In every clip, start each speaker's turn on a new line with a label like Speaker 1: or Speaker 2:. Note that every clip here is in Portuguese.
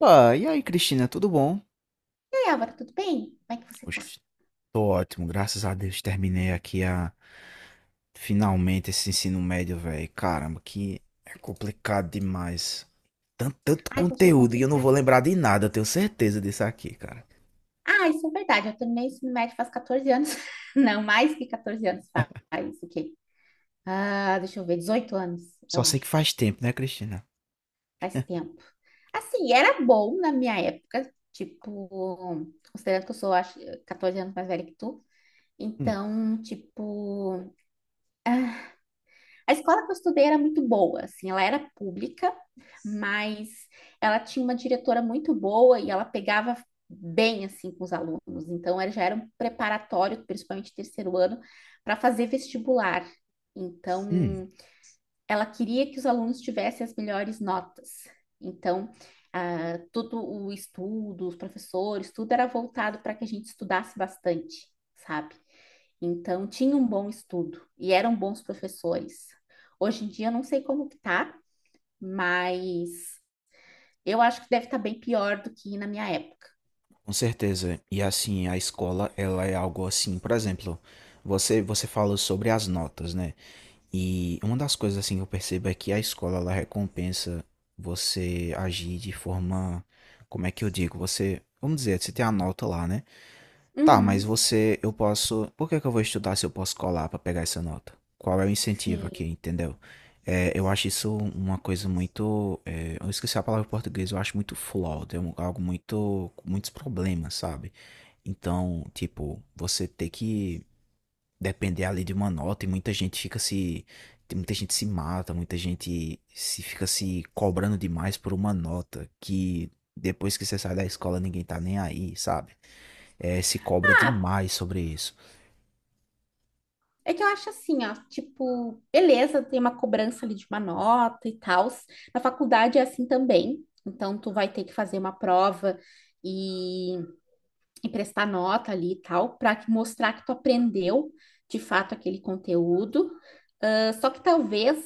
Speaker 1: Opa, e aí, Cristina, tudo bom?
Speaker 2: Oi, Álvaro, tudo bem? Como é que você tá?
Speaker 1: Oxe, tô ótimo, graças a Deus terminei aqui a finalmente esse ensino médio, velho. Caramba, que é complicado demais. Tanto, tanto
Speaker 2: Ai, tá achando
Speaker 1: conteúdo e eu não
Speaker 2: complicado.
Speaker 1: vou lembrar de nada, eu tenho certeza disso aqui, cara.
Speaker 2: Ah, isso é verdade. Eu terminei o ensino médio faz 14 anos. Não, mais que 14 anos faz. O quê? Ah, deixa eu ver, 18 anos,
Speaker 1: Só
Speaker 2: eu
Speaker 1: sei que
Speaker 2: acho.
Speaker 1: faz tempo, né, Cristina?
Speaker 2: Faz tempo. Assim, era bom na minha época, tipo, considerando que eu sou, acho, 14 anos mais velha que tu.
Speaker 1: Hum,
Speaker 2: Então, tipo, ah, a escola que eu estudei era muito boa, assim, ela era pública, mas ela tinha uma diretora muito boa e ela pegava bem, assim, com os alunos. Então, era, já era um preparatório, principalmente terceiro ano, para fazer vestibular.
Speaker 1: hum,
Speaker 2: Então, ela queria que os alunos tivessem as melhores notas. Então, ah, todo o estudo, os professores, tudo era voltado para que a gente estudasse bastante, sabe? Então, tinha um bom estudo e eram bons professores. Hoje em dia, eu não sei como que tá, mas eu acho que deve estar bem pior do que na minha época.
Speaker 1: com certeza. E assim, a escola, ela é algo assim, por exemplo, você falou sobre as notas, né? E uma das coisas assim que eu percebo é que a escola ela recompensa você agir de forma, como é que eu digo, você, vamos dizer, você tem a nota lá, né? Tá, mas
Speaker 2: Uhum,
Speaker 1: você, eu posso, por que que eu vou estudar se eu posso colar pra pegar essa nota? Qual é o incentivo aqui,
Speaker 2: sim.
Speaker 1: entendeu? É, eu acho isso uma coisa muito, é, eu esqueci a palavra em português, eu acho muito flawed, algo muito, com muitos problemas, sabe? Então, tipo, você ter que depender ali de uma nota e muita gente se mata, muita gente se fica se cobrando demais por uma nota que depois que você sai da escola ninguém tá nem aí, sabe? É, se cobra
Speaker 2: Ah,
Speaker 1: demais sobre isso.
Speaker 2: é que eu acho assim, ó, tipo, beleza, tem uma cobrança ali de uma nota e tal. Na faculdade é assim também. Então, tu vai ter que fazer uma prova e e prestar nota ali e tal, para mostrar que tu aprendeu de fato aquele conteúdo. Ah, só que talvez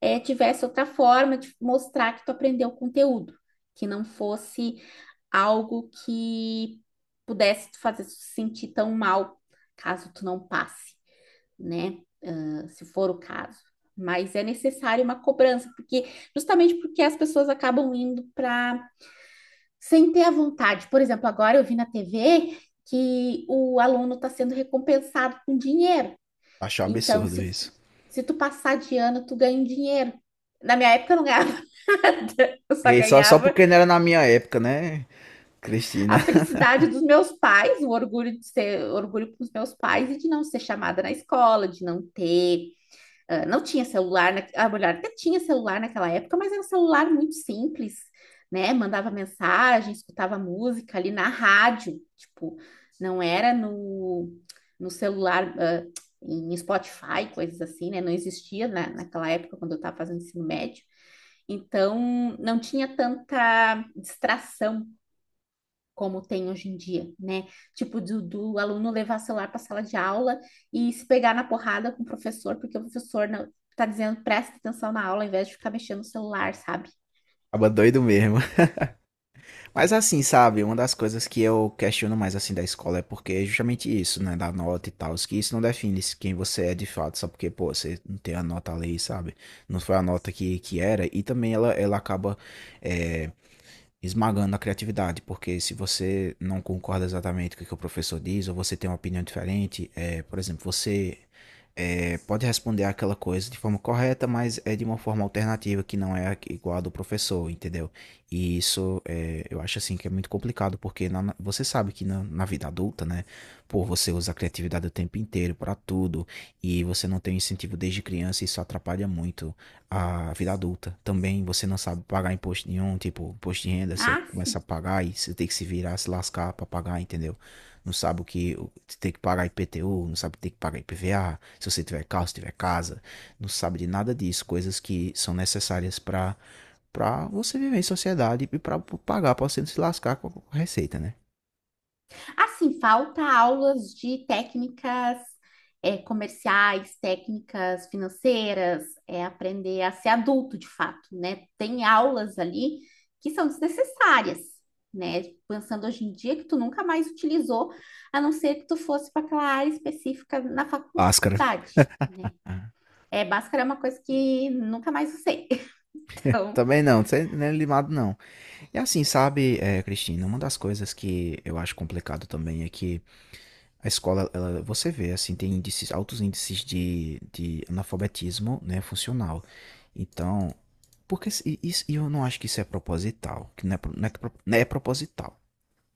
Speaker 2: eh, tivesse outra forma de mostrar que tu aprendeu o conteúdo, que não fosse algo que pudesse te fazer se sentir tão mal caso tu não passe, né? Ah, se for o caso. Mas é necessário uma cobrança, porque justamente porque as pessoas acabam indo para sem ter a vontade. Por exemplo, agora eu vi na TV que o aluno está sendo recompensado com dinheiro.
Speaker 1: Acho um
Speaker 2: Então,
Speaker 1: absurdo
Speaker 2: se,
Speaker 1: isso.
Speaker 2: se tu passar de ano, tu ganha um dinheiro. Na minha época eu não ganhava nada, eu só
Speaker 1: E só
Speaker 2: ganhava
Speaker 1: porque não era na minha época, né, Cristina?
Speaker 2: a felicidade dos meus pais, o orgulho de ser, orgulho com os meus pais e de não ser chamada na escola, de não ter. Ah, não tinha celular, a mulher até tinha celular naquela época, mas era um celular muito simples, né? Mandava mensagem, escutava música ali na rádio, tipo, não era no celular, ah, em Spotify, coisas assim, né? Não existia naquela época, quando eu estava fazendo ensino médio. Então, não tinha tanta distração como tem hoje em dia, né? Tipo, do aluno levar celular para a sala de aula e se pegar na porrada com o professor, porque o professor não, tá dizendo presta atenção na aula ao invés de ficar mexendo no celular, sabe?
Speaker 1: Tava doido mesmo. Mas assim, sabe, uma das coisas que eu questiono mais assim da escola é porque é justamente isso, né, da nota e tal, que isso não define se quem você é de fato, só porque, pô, você não tem a nota ali, sabe? Não foi a nota que era, e também ela acaba eh, esmagando a criatividade, porque se você não concorda exatamente com o que o professor diz, ou você tem uma opinião diferente, é, por exemplo, você pode responder aquela coisa de forma correta, mas é de uma forma alternativa que não é igual a do professor, entendeu? E isso é, eu acho assim que é muito complicado, porque você sabe que na vida adulta, né, pô, você usa a criatividade o tempo inteiro para tudo, e você não tem incentivo desde criança, e isso atrapalha muito a vida adulta. Também você não sabe pagar imposto nenhum, tipo, imposto de renda, você
Speaker 2: Ah, se
Speaker 1: começa a pagar e você tem que se virar, se lascar pra pagar, entendeu? Não sabe o que você tem que pagar IPTU, não sabe o que tem que pagar IPVA, se você tiver carro, se tiver casa, não sabe de nada disso, coisas que são necessárias pra você viver em sociedade e pra pagar, pra você não se lascar com a receita, né?
Speaker 2: Assim, falta aulas de técnicas é, comerciais, técnicas financeiras, é, aprender a ser adulto de fato, né? Tem aulas ali que são desnecessárias, né? Pensando hoje em dia que tu nunca mais utilizou, a não ser que tu fosse para aquela área específica na
Speaker 1: Máscara.
Speaker 2: faculdade, né?
Speaker 1: Ah.
Speaker 2: É, Bhaskara é uma coisa que nunca mais usei. Então,
Speaker 1: Também não, não é limado não. E assim, sabe, é, Cristina, uma das coisas que eu acho complicado também é que a escola, ela, você vê, assim, tem índices, altos índices de analfabetismo, né, funcional. Então, porque isso, e eu não acho que isso é proposital, que não é, não é, que não é proposital.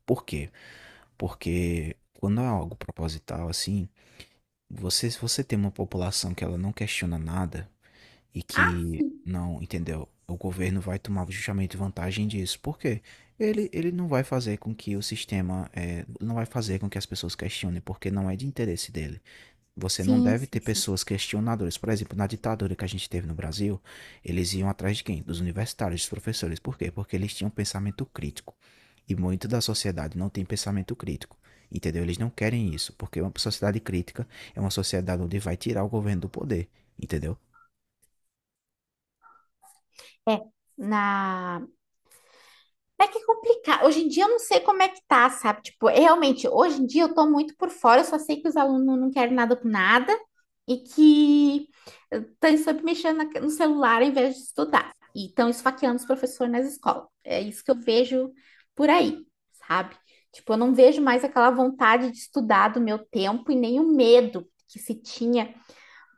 Speaker 1: Por quê? Porque quando é algo proposital, assim, você, se você tem uma população que ela não questiona nada e
Speaker 2: ah,
Speaker 1: que não, entendeu? O governo vai tomar justamente vantagem disso. Por quê? Ele não vai fazer com que o sistema, não vai fazer com que as pessoas questionem, porque não é de interesse dele. Você não
Speaker 2: sim,
Speaker 1: deve ter
Speaker 2: sim, sim.
Speaker 1: pessoas questionadoras. Por exemplo, na ditadura que a gente teve no Brasil, eles iam atrás de quem? Dos universitários, dos professores. Por quê? Porque eles tinham pensamento crítico. E muito da sociedade não tem pensamento crítico. Entendeu? Eles não querem isso, porque uma sociedade crítica é uma sociedade onde vai tirar o governo do poder. Entendeu?
Speaker 2: É, na é que é complicado. Hoje em dia eu não sei como é que tá, sabe? Tipo, é realmente, hoje em dia eu tô muito por fora, eu só sei que os alunos não querem nada com nada e que estão sempre mexendo no celular ao invés de estudar. E estão esfaqueando os professores nas escolas. É isso que eu vejo por aí, sabe? Tipo, eu não vejo mais aquela vontade de estudar do meu tempo e nem o medo que se tinha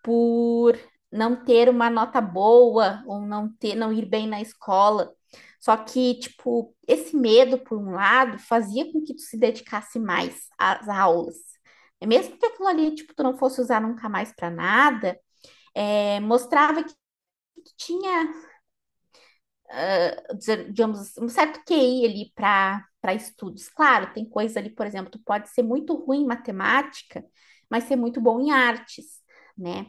Speaker 2: por não ter uma nota boa ou não ter, não ir bem na escola. Só que, tipo, esse medo, por um lado, fazia com que tu se dedicasse mais às aulas. É mesmo que aquilo ali, tipo, tu não fosse usar nunca mais para nada, é, mostrava que tu tinha ah, digamos, um certo QI ali para estudos. Claro, tem coisas ali, por exemplo, tu pode ser muito ruim em matemática, mas ser muito bom em artes, né?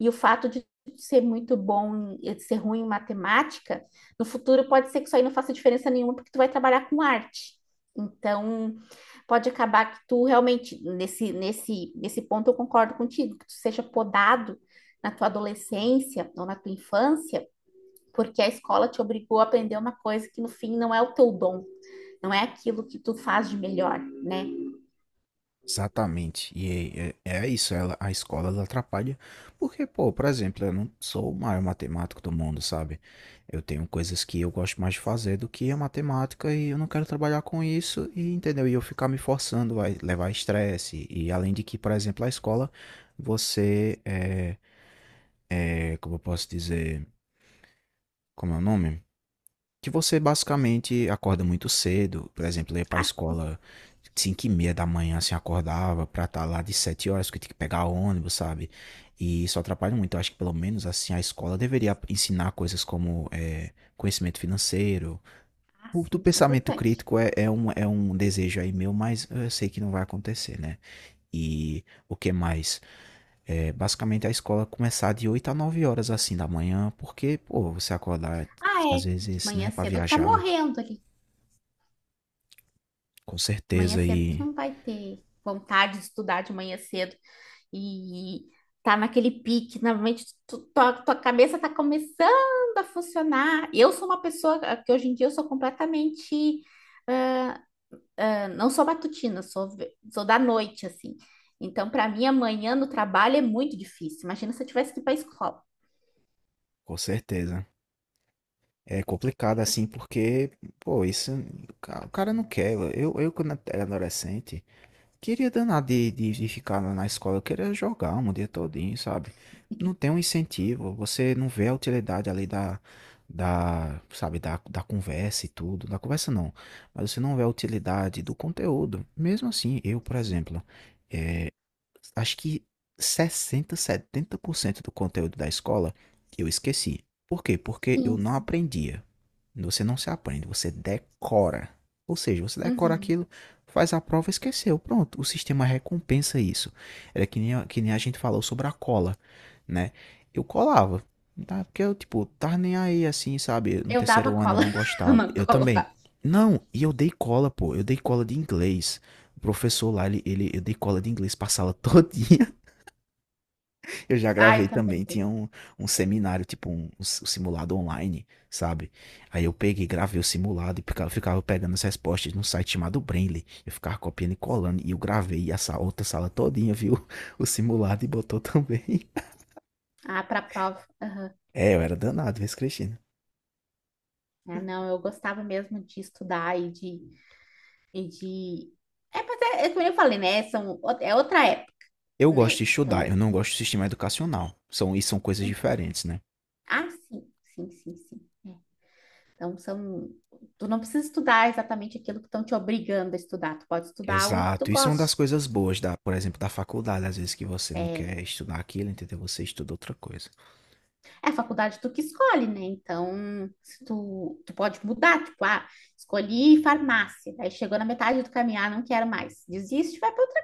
Speaker 2: E o fato de ser muito bom, eh, ser ruim em matemática, no futuro pode ser que isso aí não faça diferença nenhuma, porque tu vai trabalhar com arte. Então, pode acabar que tu realmente, nesse ponto eu concordo contigo, que tu seja podado na tua adolescência ou na tua infância porque a escola te obrigou a aprender uma coisa que no fim não é o teu dom, não é aquilo que tu faz de melhor, né?
Speaker 1: Exatamente. E é isso, a escola ela atrapalha, porque, pô, por exemplo, eu não sou o maior matemático do mundo, sabe? Eu tenho coisas que eu gosto mais de fazer do que a matemática e eu não quero trabalhar com isso, e entendeu? E eu ficar me forçando vai levar estresse. E além de que, por exemplo, a escola, você como eu posso dizer, como é o nome? Que você basicamente acorda muito cedo, por exemplo, eu ia pra
Speaker 2: Ah,
Speaker 1: escola 5 e meia da manhã, assim, acordava pra estar lá de 7 horas, porque tem que pegar ônibus, sabe? E isso atrapalha muito. Eu acho que pelo menos, assim, a escola deveria ensinar coisas como conhecimento financeiro.
Speaker 2: ah,
Speaker 1: Do
Speaker 2: sim, isso é
Speaker 1: pensamento
Speaker 2: importante.
Speaker 1: crítico é um desejo aí meu, mas eu sei que não vai acontecer, né? E o que mais? É, basicamente a escola começar de 8 a 9 horas, assim, da manhã, porque, pô, você acordar
Speaker 2: Ah,
Speaker 1: às
Speaker 2: é, de
Speaker 1: vezes, né,
Speaker 2: manhã
Speaker 1: para
Speaker 2: cedo tu tá
Speaker 1: viajar.
Speaker 2: morrendo ali.
Speaker 1: Com
Speaker 2: De manhã
Speaker 1: certeza,
Speaker 2: cedo tu
Speaker 1: e
Speaker 2: não vai ter vontade de estudar de manhã cedo e tá naquele pique, normalmente tua cabeça tá começando a funcionar. Eu sou uma pessoa que hoje em dia eu sou completamente não sou matutina, sou da noite, assim. Então, para mim, amanhã no trabalho é muito difícil. Imagina se eu tivesse que ir para a escola.
Speaker 1: com certeza. É complicado assim, porque, pô, isso o cara não quer. Eu quando era adolescente, queria danar de ficar na escola, eu queria jogar um dia todinho, sabe? Não tem um incentivo, você não vê a utilidade ali sabe, da conversa e tudo. Da conversa não, mas você não vê a utilidade do conteúdo. Mesmo assim, eu, por exemplo. Acho que 60, 70% do conteúdo da escola eu esqueci. Por quê? Porque eu
Speaker 2: Sim,
Speaker 1: não
Speaker 2: sim.
Speaker 1: aprendia. Você não se aprende, você decora. Ou seja, você decora
Speaker 2: Uhum.
Speaker 1: aquilo, faz a prova e esqueceu. Pronto, o sistema recompensa isso. Era que nem, que nem a gente falou sobre a cola, né? Eu colava, tá? Porque eu, tipo, tava nem aí assim, sabe? No
Speaker 2: Eu dava
Speaker 1: terceiro ano eu
Speaker 2: cola,
Speaker 1: não gostava.
Speaker 2: uma
Speaker 1: Eu também.
Speaker 2: cola.
Speaker 1: Não, e eu dei cola, pô. Eu dei cola de inglês. O professor lá, eu dei cola de inglês pra sala todinha. Eu já
Speaker 2: Ah,
Speaker 1: gravei
Speaker 2: eu também
Speaker 1: também, tinha
Speaker 2: dei.
Speaker 1: um seminário, tipo um simulado online, sabe? Aí eu peguei, gravei o simulado e ficava pegando as respostas num site chamado Brainly. Eu ficava copiando e colando e eu gravei essa outra sala todinha, viu? O simulado e botou também.
Speaker 2: Ah, para prova. Aham.
Speaker 1: É, eu era danado, viu, Cristina?
Speaker 2: Ah, não, eu gostava mesmo de estudar e de. É, mas é, como eu falei, né? São, é outra época,
Speaker 1: Eu
Speaker 2: né?
Speaker 1: gosto de estudar, eu
Speaker 2: Então,
Speaker 1: não gosto do sistema educacional. São coisas diferentes, né?
Speaker 2: ah, sim, sim, sim, sim. É. Então, são. Tu não precisa estudar exatamente aquilo que estão te obrigando a estudar. Tu pode estudar algo que tu
Speaker 1: Exato. Isso é uma das
Speaker 2: goste.
Speaker 1: coisas boas da, por exemplo, da faculdade, às vezes que você não
Speaker 2: É,
Speaker 1: quer estudar aquilo, entendeu? Você estuda outra coisa.
Speaker 2: é a faculdade tu que escolhe, né? Então, se tu, tu pode mudar, tipo, ah, escolhi farmácia, aí chegou na metade do caminho, ah, não quero mais, desiste, e vai para outra,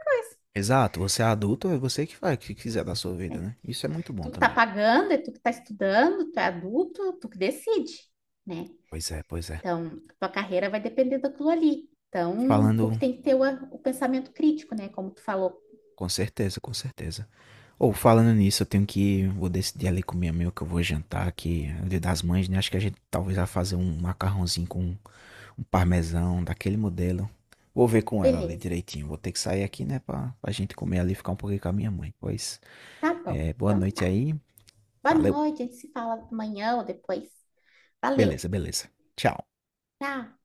Speaker 1: Exato. Você é adulto, é você que faz o que quiser da sua vida,
Speaker 2: né?
Speaker 1: né? Isso é muito bom
Speaker 2: Tu que tá
Speaker 1: também.
Speaker 2: pagando, é tu que tá estudando, tu é adulto, tu que decide, né?
Speaker 1: Pois é, pois é.
Speaker 2: Então, tua carreira vai depender daquilo ali. Então, tu que
Speaker 1: Falando,
Speaker 2: tem que ter o pensamento crítico, né? Como tu falou,
Speaker 1: com certeza, com certeza. Ou falando nisso, eu tenho que, vou decidir ali com minha amiga que eu vou jantar, que é o dia das mães, né? Acho que a gente talvez vai fazer um macarrãozinho com um parmesão daquele modelo. Vou ver com ela ali
Speaker 2: beleza,
Speaker 1: direitinho. Vou ter que sair aqui, né, pra gente comer ali e ficar um pouquinho com a minha mãe. Pois
Speaker 2: tá bom,
Speaker 1: é, boa
Speaker 2: então
Speaker 1: noite
Speaker 2: tá.
Speaker 1: aí.
Speaker 2: Boa
Speaker 1: Valeu.
Speaker 2: noite, a gente se fala amanhã ou depois. Valeu,
Speaker 1: Beleza, beleza. Tchau.
Speaker 2: tchau.